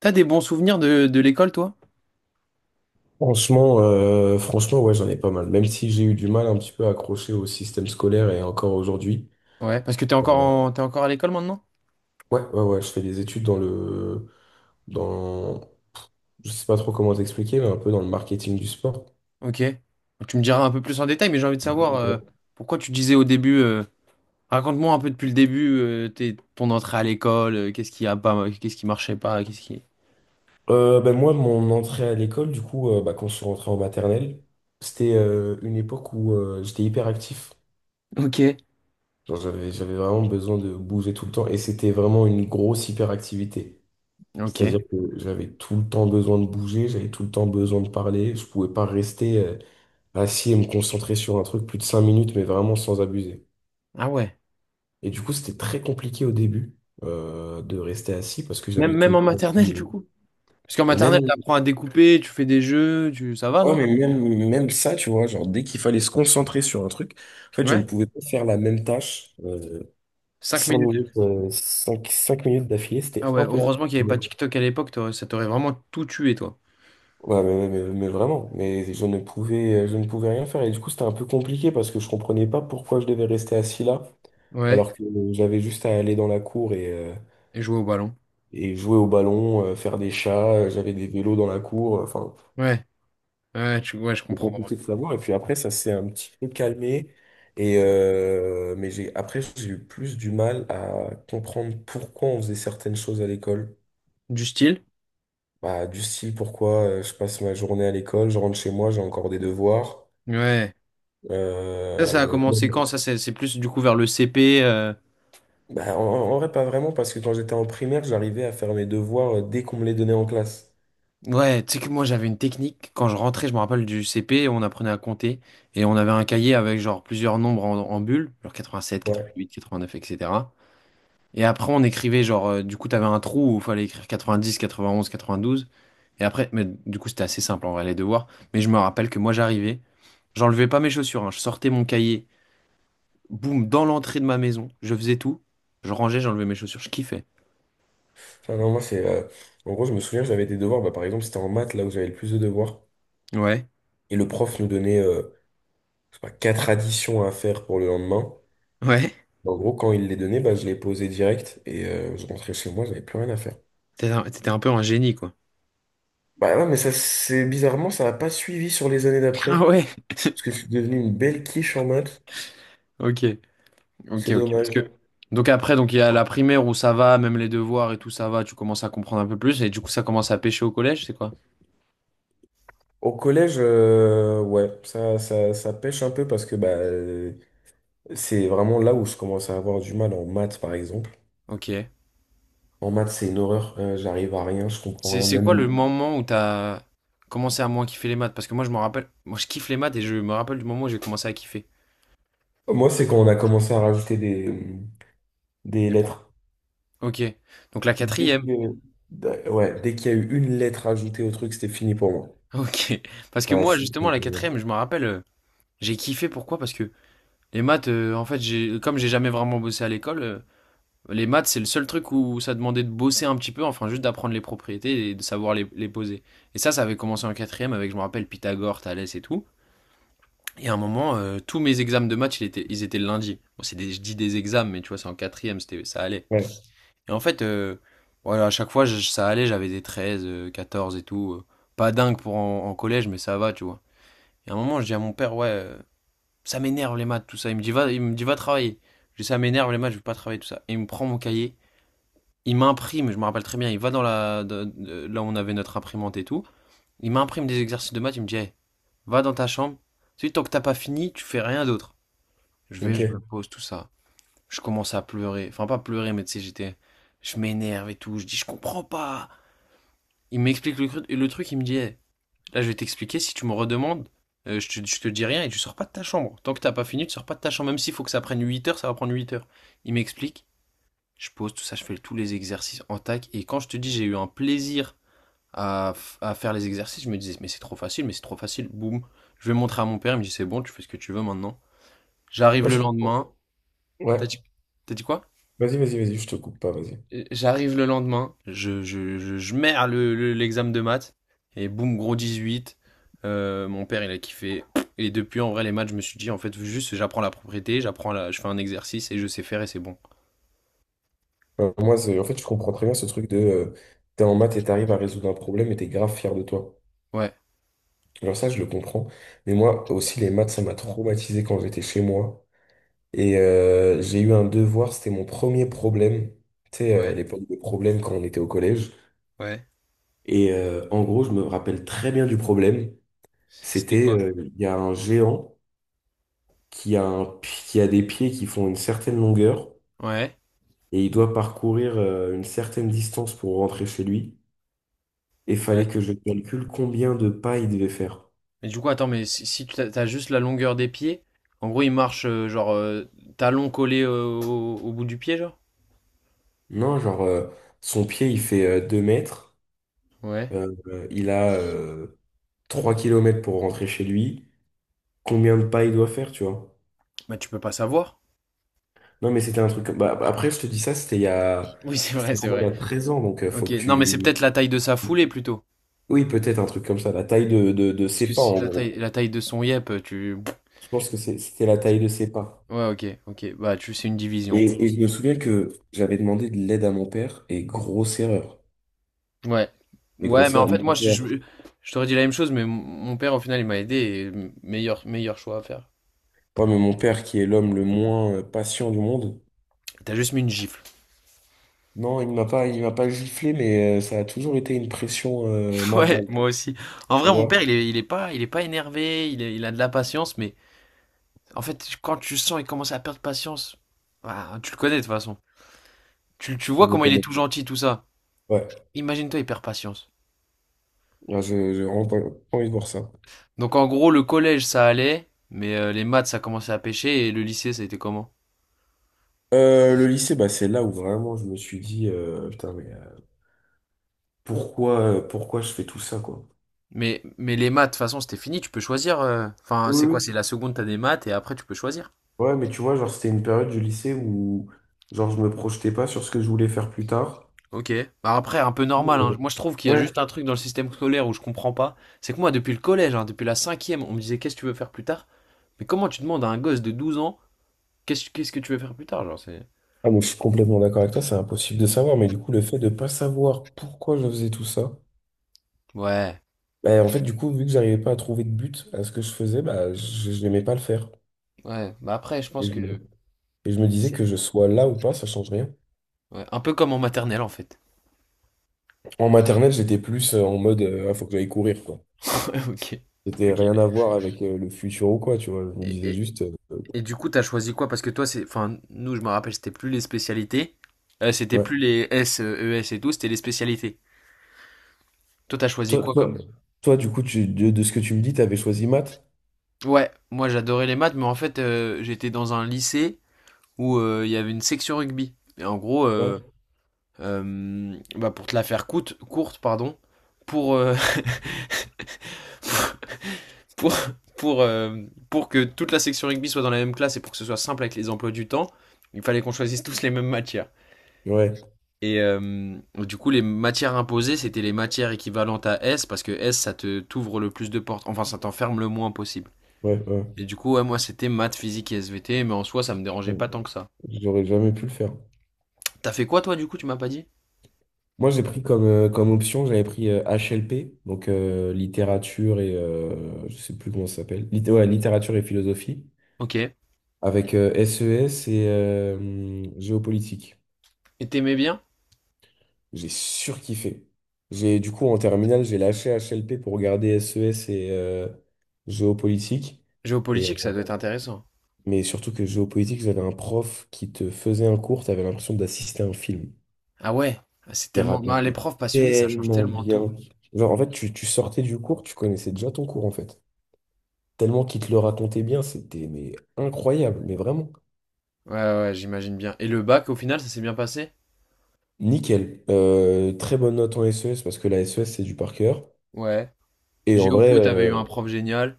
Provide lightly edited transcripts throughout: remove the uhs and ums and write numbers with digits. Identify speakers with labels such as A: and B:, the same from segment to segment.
A: T'as des bons souvenirs de l'école, toi?
B: Franchement, ouais, j'en ai pas mal. Même si j'ai eu du mal un petit peu à accrocher au système scolaire et encore aujourd'hui.
A: Ouais, parce que
B: euh,
A: t'es encore à l'école maintenant?
B: Ouais, ouais, ouais, je fais des études dans, je sais pas trop comment t'expliquer, mais un peu dans le marketing du sport.
A: Ok. Tu me diras un peu plus en détail, mais j'ai envie de savoir
B: Ouais.
A: pourquoi tu disais au début. Raconte-moi un peu depuis le début, ton entrée à l'école. Qu'est-ce qui a pas, qu'est-ce qui marchait pas, qu'est-ce qui.
B: Ben moi, mon entrée à l'école, du coup, bah, quand je suis rentré en maternelle, c'était une époque où j'étais hyper actif.
A: Ok.
B: Genre, j'avais vraiment besoin de bouger tout le temps, et c'était vraiment une grosse hyperactivité.
A: Ok.
B: C'est-à-dire que j'avais tout le temps besoin de bouger, j'avais tout le temps besoin de parler. Je pouvais pas rester assis et me concentrer sur un truc plus de 5 minutes, mais vraiment sans abuser.
A: Ah ouais.
B: Et du coup, c'était très compliqué au début de rester assis parce que
A: Même
B: j'avais tout
A: même
B: le
A: en
B: temps.
A: maternelle du coup. Parce qu'en
B: Et
A: maternelle
B: Même,
A: t'apprends à découper, tu fais des jeux, tu ça va
B: ouais,
A: non?
B: mais même ça, tu vois, genre dès qu'il fallait se concentrer sur un truc, en fait, je ne
A: Ouais.
B: pouvais pas faire la même tâche
A: Cinq minutes.
B: 5 minutes d'affilée, c'était
A: Ah ouais.
B: impossible.
A: Heureusement qu'il n'y avait pas TikTok à l'époque, ça t'aurait vraiment tout tué toi.
B: Ouais, mais, mais vraiment, mais je ne pouvais rien faire. Et du coup, c'était un peu compliqué parce que je comprenais pas pourquoi je devais rester assis là,
A: Ouais.
B: alors que j'avais juste à aller dans la cour
A: Et jouer au ballon.
B: et jouer au ballon, faire des chats, j'avais des vélos dans la cour, enfin,
A: Ouais. Ouais. Tu ouais je
B: c'était
A: comprends.
B: compliqué de savoir. Et puis après, ça s'est un petit peu calmé. Mais j'ai eu plus du mal à comprendre pourquoi on faisait certaines choses à l'école.
A: Du style?
B: Bah, du style, pourquoi je passe ma journée à l'école, je rentre chez moi, j'ai encore des devoirs.
A: Ouais. Ça a
B: Euh,
A: commencé quand? Ça, c'est plus du coup vers le CP.
B: en vrai, pas vraiment, parce que quand j'étais en primaire, j'arrivais à faire mes devoirs dès qu'on me les donnait en classe.
A: Ouais, tu sais que moi j'avais une technique. Quand je rentrais, je me rappelle du CP, on apprenait à compter. Et on avait un cahier avec genre plusieurs nombres en bulles, genre 87,
B: Ouais.
A: 88, 89, etc. Et après, on écrivait genre, du coup, t'avais un trou où il fallait écrire 90, 91, 92. Et après, mais du coup, c'était assez simple en vrai, les devoirs. Mais je me rappelle que moi j'arrivais, j'enlevais pas mes chaussures, hein. Je sortais mon cahier, boum, dans l'entrée de ma maison, je faisais tout. Je rangeais, j'enlevais mes chaussures, je kiffais.
B: Enfin, non, moi, en gros, je me souviens, j'avais des devoirs. Bah, par exemple, c'était en maths, là où j'avais le plus de devoirs.
A: Ouais,
B: Et le prof nous donnait, je sais pas, quatre additions à faire pour le lendemain.
A: ouais.
B: En gros, quand il les donnait, bah, je les posais direct et je rentrais chez moi, j'avais plus rien à faire.
A: T'étais un peu un génie, quoi.
B: Bah non, mais ça, c'est bizarrement, ça n'a pas suivi sur les années
A: Ah
B: d'après.
A: ouais,
B: Parce que je suis devenu une belle quiche en maths.
A: ok, ok,
B: C'est
A: ok. Parce que...
B: dommage.
A: Donc après, il y a la primaire où ça va, même les devoirs et tout, ça va, tu commences à comprendre un peu plus, et du coup ça commence à pêcher au collège, c'est quoi?
B: Au collège, ouais, ça pêche un peu parce que c'est vraiment là où je commence à avoir du mal en maths, par exemple.
A: Ok.
B: En maths, c'est une horreur, j'arrive à rien, je comprends
A: C'est,
B: rien.
A: c'est quoi
B: Même
A: le moment où t'as commencé à moins kiffer les maths? Parce que moi je me rappelle, moi je kiffe les maths et je me rappelle du moment où j'ai commencé à kiffer.
B: moi, c'est quand on a commencé à rajouter des
A: Les profs.
B: lettres.
A: Ok. Donc la
B: Dès
A: quatrième.
B: que- ouais, dès qu'il y a eu une lettre ajoutée au truc, c'était fini pour moi.
A: Ok. Parce que
B: Ouais,
A: moi justement
B: c'était-
A: la quatrième, je me rappelle, j'ai kiffé pourquoi? Parce que les maths, en fait, comme j'ai jamais vraiment bossé à l'école, les maths, c'est le seul truc où ça demandait de bosser un petit peu, enfin juste d'apprendre les propriétés et de savoir les poser. Et ça avait commencé en quatrième avec, je me rappelle, Pythagore, Thalès et tout. Et à un moment, tous mes examens de maths, ils étaient le lundi. Bon, je dis des examens, mais tu vois, c'est en quatrième, c'était, ça allait.
B: ouais,
A: Et en fait, voilà, à chaque fois, ça allait, j'avais des 13, 14 et tout. Pas dingue pour en collège, mais ça va, tu vois. Et à un moment, je dis à mon père, ouais, ça m'énerve les maths, tout ça. Il me dit, va travailler. Je dis, ça m'énerve les maths, je veux pas travailler, tout ça. Et il me prend mon cahier, il m'imprime, je me rappelle très bien, il va dans la là où on avait notre imprimante et tout, il m'imprime des exercices de maths, il me dit, Hey, va dans ta chambre, tu sais, tant que t'as pas fini, tu fais rien d'autre. Je vais, je me
B: ok.
A: pose, tout ça. Je commence à pleurer, enfin pas pleurer, mais tu sais, j'étais, je m'énerve et tout, je dis je comprends pas. Il m'explique le truc, il me dit, Hey, là je vais t'expliquer, si tu me redemandes, je te dis rien et tu sors pas de ta chambre. Tant que t'as pas fini, tu sors pas de ta chambre, même s'il faut que ça prenne 8 heures, ça va prendre 8 heures. Il m'explique, je pose tout ça, je fais tous les exercices en tac. Et quand je te dis, j'ai eu un plaisir à, à faire les exercices, je me disais, mais c'est trop facile, mais c'est trop facile. Boum, je vais montrer à mon père, il me dit, c'est bon, tu fais ce que tu veux maintenant. J'arrive
B: Moi,
A: le
B: je comprends.
A: lendemain. T'as
B: Ouais,
A: dit, t'as dit quoi?
B: vas-y, vas-y, vas-y, je te coupe pas, vas-y.
A: J'arrive le lendemain, je merde l'examen de maths, et boum, gros 18. Mon père, il a kiffé. Et depuis, en vrai, les maths, je me suis dit, en fait, juste, j'apprends la propriété, je fais un exercice et je sais faire et c'est bon.
B: Moi, en fait, je comprends très bien ce truc de t'es en maths et t'arrives à résoudre un problème, et t'es grave fier de toi.
A: Ouais.
B: Genre ça, je le comprends. Mais moi aussi, les maths, ça m'a traumatisé quand j'étais chez moi. J'ai eu un devoir, c'était mon premier problème. Tu sais,
A: Ouais,
B: l'époque des problèmes quand on était au collège.
A: ouais.
B: En gros, je me rappelle très bien du problème.
A: C'était
B: C'était,
A: quoi?
B: il y a un géant qui a des pieds qui font une certaine longueur et il doit parcourir une certaine distance pour rentrer chez lui. Et fallait
A: Ouais.
B: que je calcule combien de pas il devait faire.
A: Mais du coup, attends, mais si tu as t'as juste la longueur des pieds, en gros, il marche, genre, talon collé, au bout du pied, genre?
B: Non, genre, son pied, il fait 2 mètres.
A: Ouais.
B: Il a 3 km pour rentrer chez lui. Combien de pas il doit faire, tu vois?
A: Bah, tu peux pas savoir.
B: Non, mais c'était un truc. Après, je te dis ça, c'était il y a...
A: Oui, c'est vrai,
B: c'était
A: c'est
B: vraiment il y
A: vrai.
B: a 13 ans, donc faut
A: Ok,
B: que
A: non, mais c'est
B: tu.
A: peut-être la taille de sa foulée plutôt.
B: Oui, peut-être un truc comme ça, la taille de
A: Parce que
B: ses pas,
A: c'est
B: en
A: la
B: gros.
A: taille, la taille de son yep, tu.
B: Je pense que c'était la taille de ses pas.
A: Ouais, ok, ok. Bah, c'est une division, quoi.
B: Et je me souviens que j'avais demandé de l'aide à mon père, et grosse erreur.
A: Ouais.
B: Mais
A: Ouais,
B: grosse
A: mais en
B: erreur,
A: fait,
B: mon
A: moi, je,
B: père,
A: je, je t'aurais dit la même chose, mais mon père, au final, il m'a aidé et meilleur, meilleur choix à faire.
B: pas mais mon père qui est l'homme le moins patient du monde.
A: T'as juste mis une gifle.
B: Non, il m'a pas giflé, mais ça a toujours été une pression
A: Ouais,
B: mentale.
A: moi aussi. En
B: Tu
A: vrai, mon
B: vois,
A: père, il est pas énervé, il a de la patience, mais En fait, quand tu sens il commence à perdre patience, bah, tu le connais de toute façon. Tu
B: je
A: vois
B: me
A: comment il est
B: connais.
A: tout gentil, tout ça.
B: Ouais,
A: Imagine-toi, il perd patience.
B: là, j'ai vraiment pas envie de voir ça.
A: Donc en gros, le collège, ça allait, mais, les maths, ça commençait à pêcher, et le lycée, ça a été comment?
B: Le lycée, bah, c'est là où vraiment je me suis dit, putain, mais pourquoi je fais tout ça, quoi?
A: Mais les maths, de toute façon, c'était fini, tu peux choisir. Enfin, c'est
B: Oui,
A: quoi? C'est
B: oui.
A: la seconde, t'as des maths, et après, tu peux choisir.
B: Ouais, mais tu vois, genre, c'était une période du lycée où, genre, je me projetais pas sur ce que je voulais faire plus tard.
A: Ok. Bah après, un peu normal, hein.
B: Euh,
A: Moi, je trouve qu'il y a
B: Ouais.
A: juste un truc dans le système scolaire où je comprends pas. C'est que moi, depuis le collège, hein, depuis la cinquième, on me disait, qu'est-ce que tu veux faire plus tard? Mais comment tu demandes à un gosse de 12 ans, qu'est-ce que tu veux faire plus tard? Genre, c'est...
B: Ah, mais je suis complètement d'accord avec toi, c'est impossible de savoir, mais du coup, le fait de pas savoir pourquoi je faisais tout ça,
A: Ouais,
B: bah, en fait, du coup, vu que j'arrivais pas à trouver de but à ce que je faisais, bah, je n'aimais pas le faire.
A: ouais. Bah après, je
B: Et
A: pense
B: je
A: que
B: me, et je me disais
A: c'est
B: que je sois là ou pas, ça change rien.
A: ouais, un peu comme en maternelle en fait.
B: En maternelle, j'étais plus en mode ah, faut que j'aille courir quoi.
A: Ouais, ok.
B: C'était
A: Ok.
B: rien à voir avec le futur ou quoi, tu vois. Je me
A: Et,
B: disais
A: et-
B: juste
A: et du coup, t'as choisi quoi? Parce que toi, c'est, enfin, nous, je me rappelle, c'était plus les spécialités. C'était
B: ouais.
A: plus les S, ES et tout, c'était les spécialités. Toi, t'as choisi
B: Toi,
A: quoi comme...
B: toi, toi, du coup, de ce que tu me dis, t'avais choisi maths?
A: Ouais, moi, j'adorais les maths, mais en fait, j'étais dans un lycée où, il y avait une section rugby. Et en gros,
B: Ouais,
A: bah, pour te la faire courte, pardon, pour pour, pour, euh, pour que toute la section rugby soit dans la même classe et pour que ce soit simple avec les emplois du temps, il fallait qu'on choisisse tous les mêmes matières.
B: ouais,
A: Et, du coup, les matières imposées, c'était les matières équivalentes à S, parce que S, ça te t'ouvre le plus de portes, enfin, ça t'enferme le moins possible.
B: ouais, ouais.
A: Et du coup, ouais, moi, c'était maths, physique et SVT, mais en soi, ça me dérangeait
B: Putain,
A: pas tant que ça.
B: j'aurais jamais pu le faire.
A: T'as fait quoi, toi, du coup, tu m'as pas dit
B: Moi, j'ai pris comme option, j'avais pris HLP, donc littérature et je sais plus comment ça s'appelle. Ouais, littérature et philosophie,
A: Ok. Et
B: avec SES et géopolitique.
A: t'aimais bien
B: J'ai surkiffé. Du coup, en terminale, j'ai lâché HLP pour regarder SES et géopolitique. Et, euh,
A: Géopolitique, ça doit être intéressant.
B: mais surtout que géopolitique, j'avais un prof qui te faisait un cours, t'avais l'impression d'assister à un film.
A: Ah ouais, c'est
B: Il
A: tellement... bah, les
B: racontait
A: profs passionnés, ça change
B: tellement
A: tellement tout.
B: bien. Genre, en fait, tu sortais du cours, tu connaissais déjà ton cours, en fait. Tellement qu'il te le racontait bien, c'était mais incroyable, mais vraiment.
A: Ouais, ouais, j'imagine bien. Et le bac, au final, ça s'est bien passé
B: Nickel. Très bonne note en SES parce que la SES, c'est du par cœur.
A: Ouais.
B: Et en vrai,
A: Géopo, t'avais eu
B: euh,
A: un prof génial.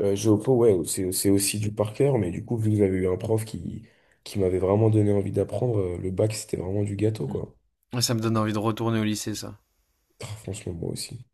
B: Géopo, ouais, c'est aussi du par cœur, mais du coup, vu que j'avais eu un prof qui m'avait vraiment donné envie d'apprendre, le bac, c'était vraiment du gâteau, quoi.
A: Mm. Ça me donne envie de retourner au lycée, ça.
B: Ah, franchement, moi aussi.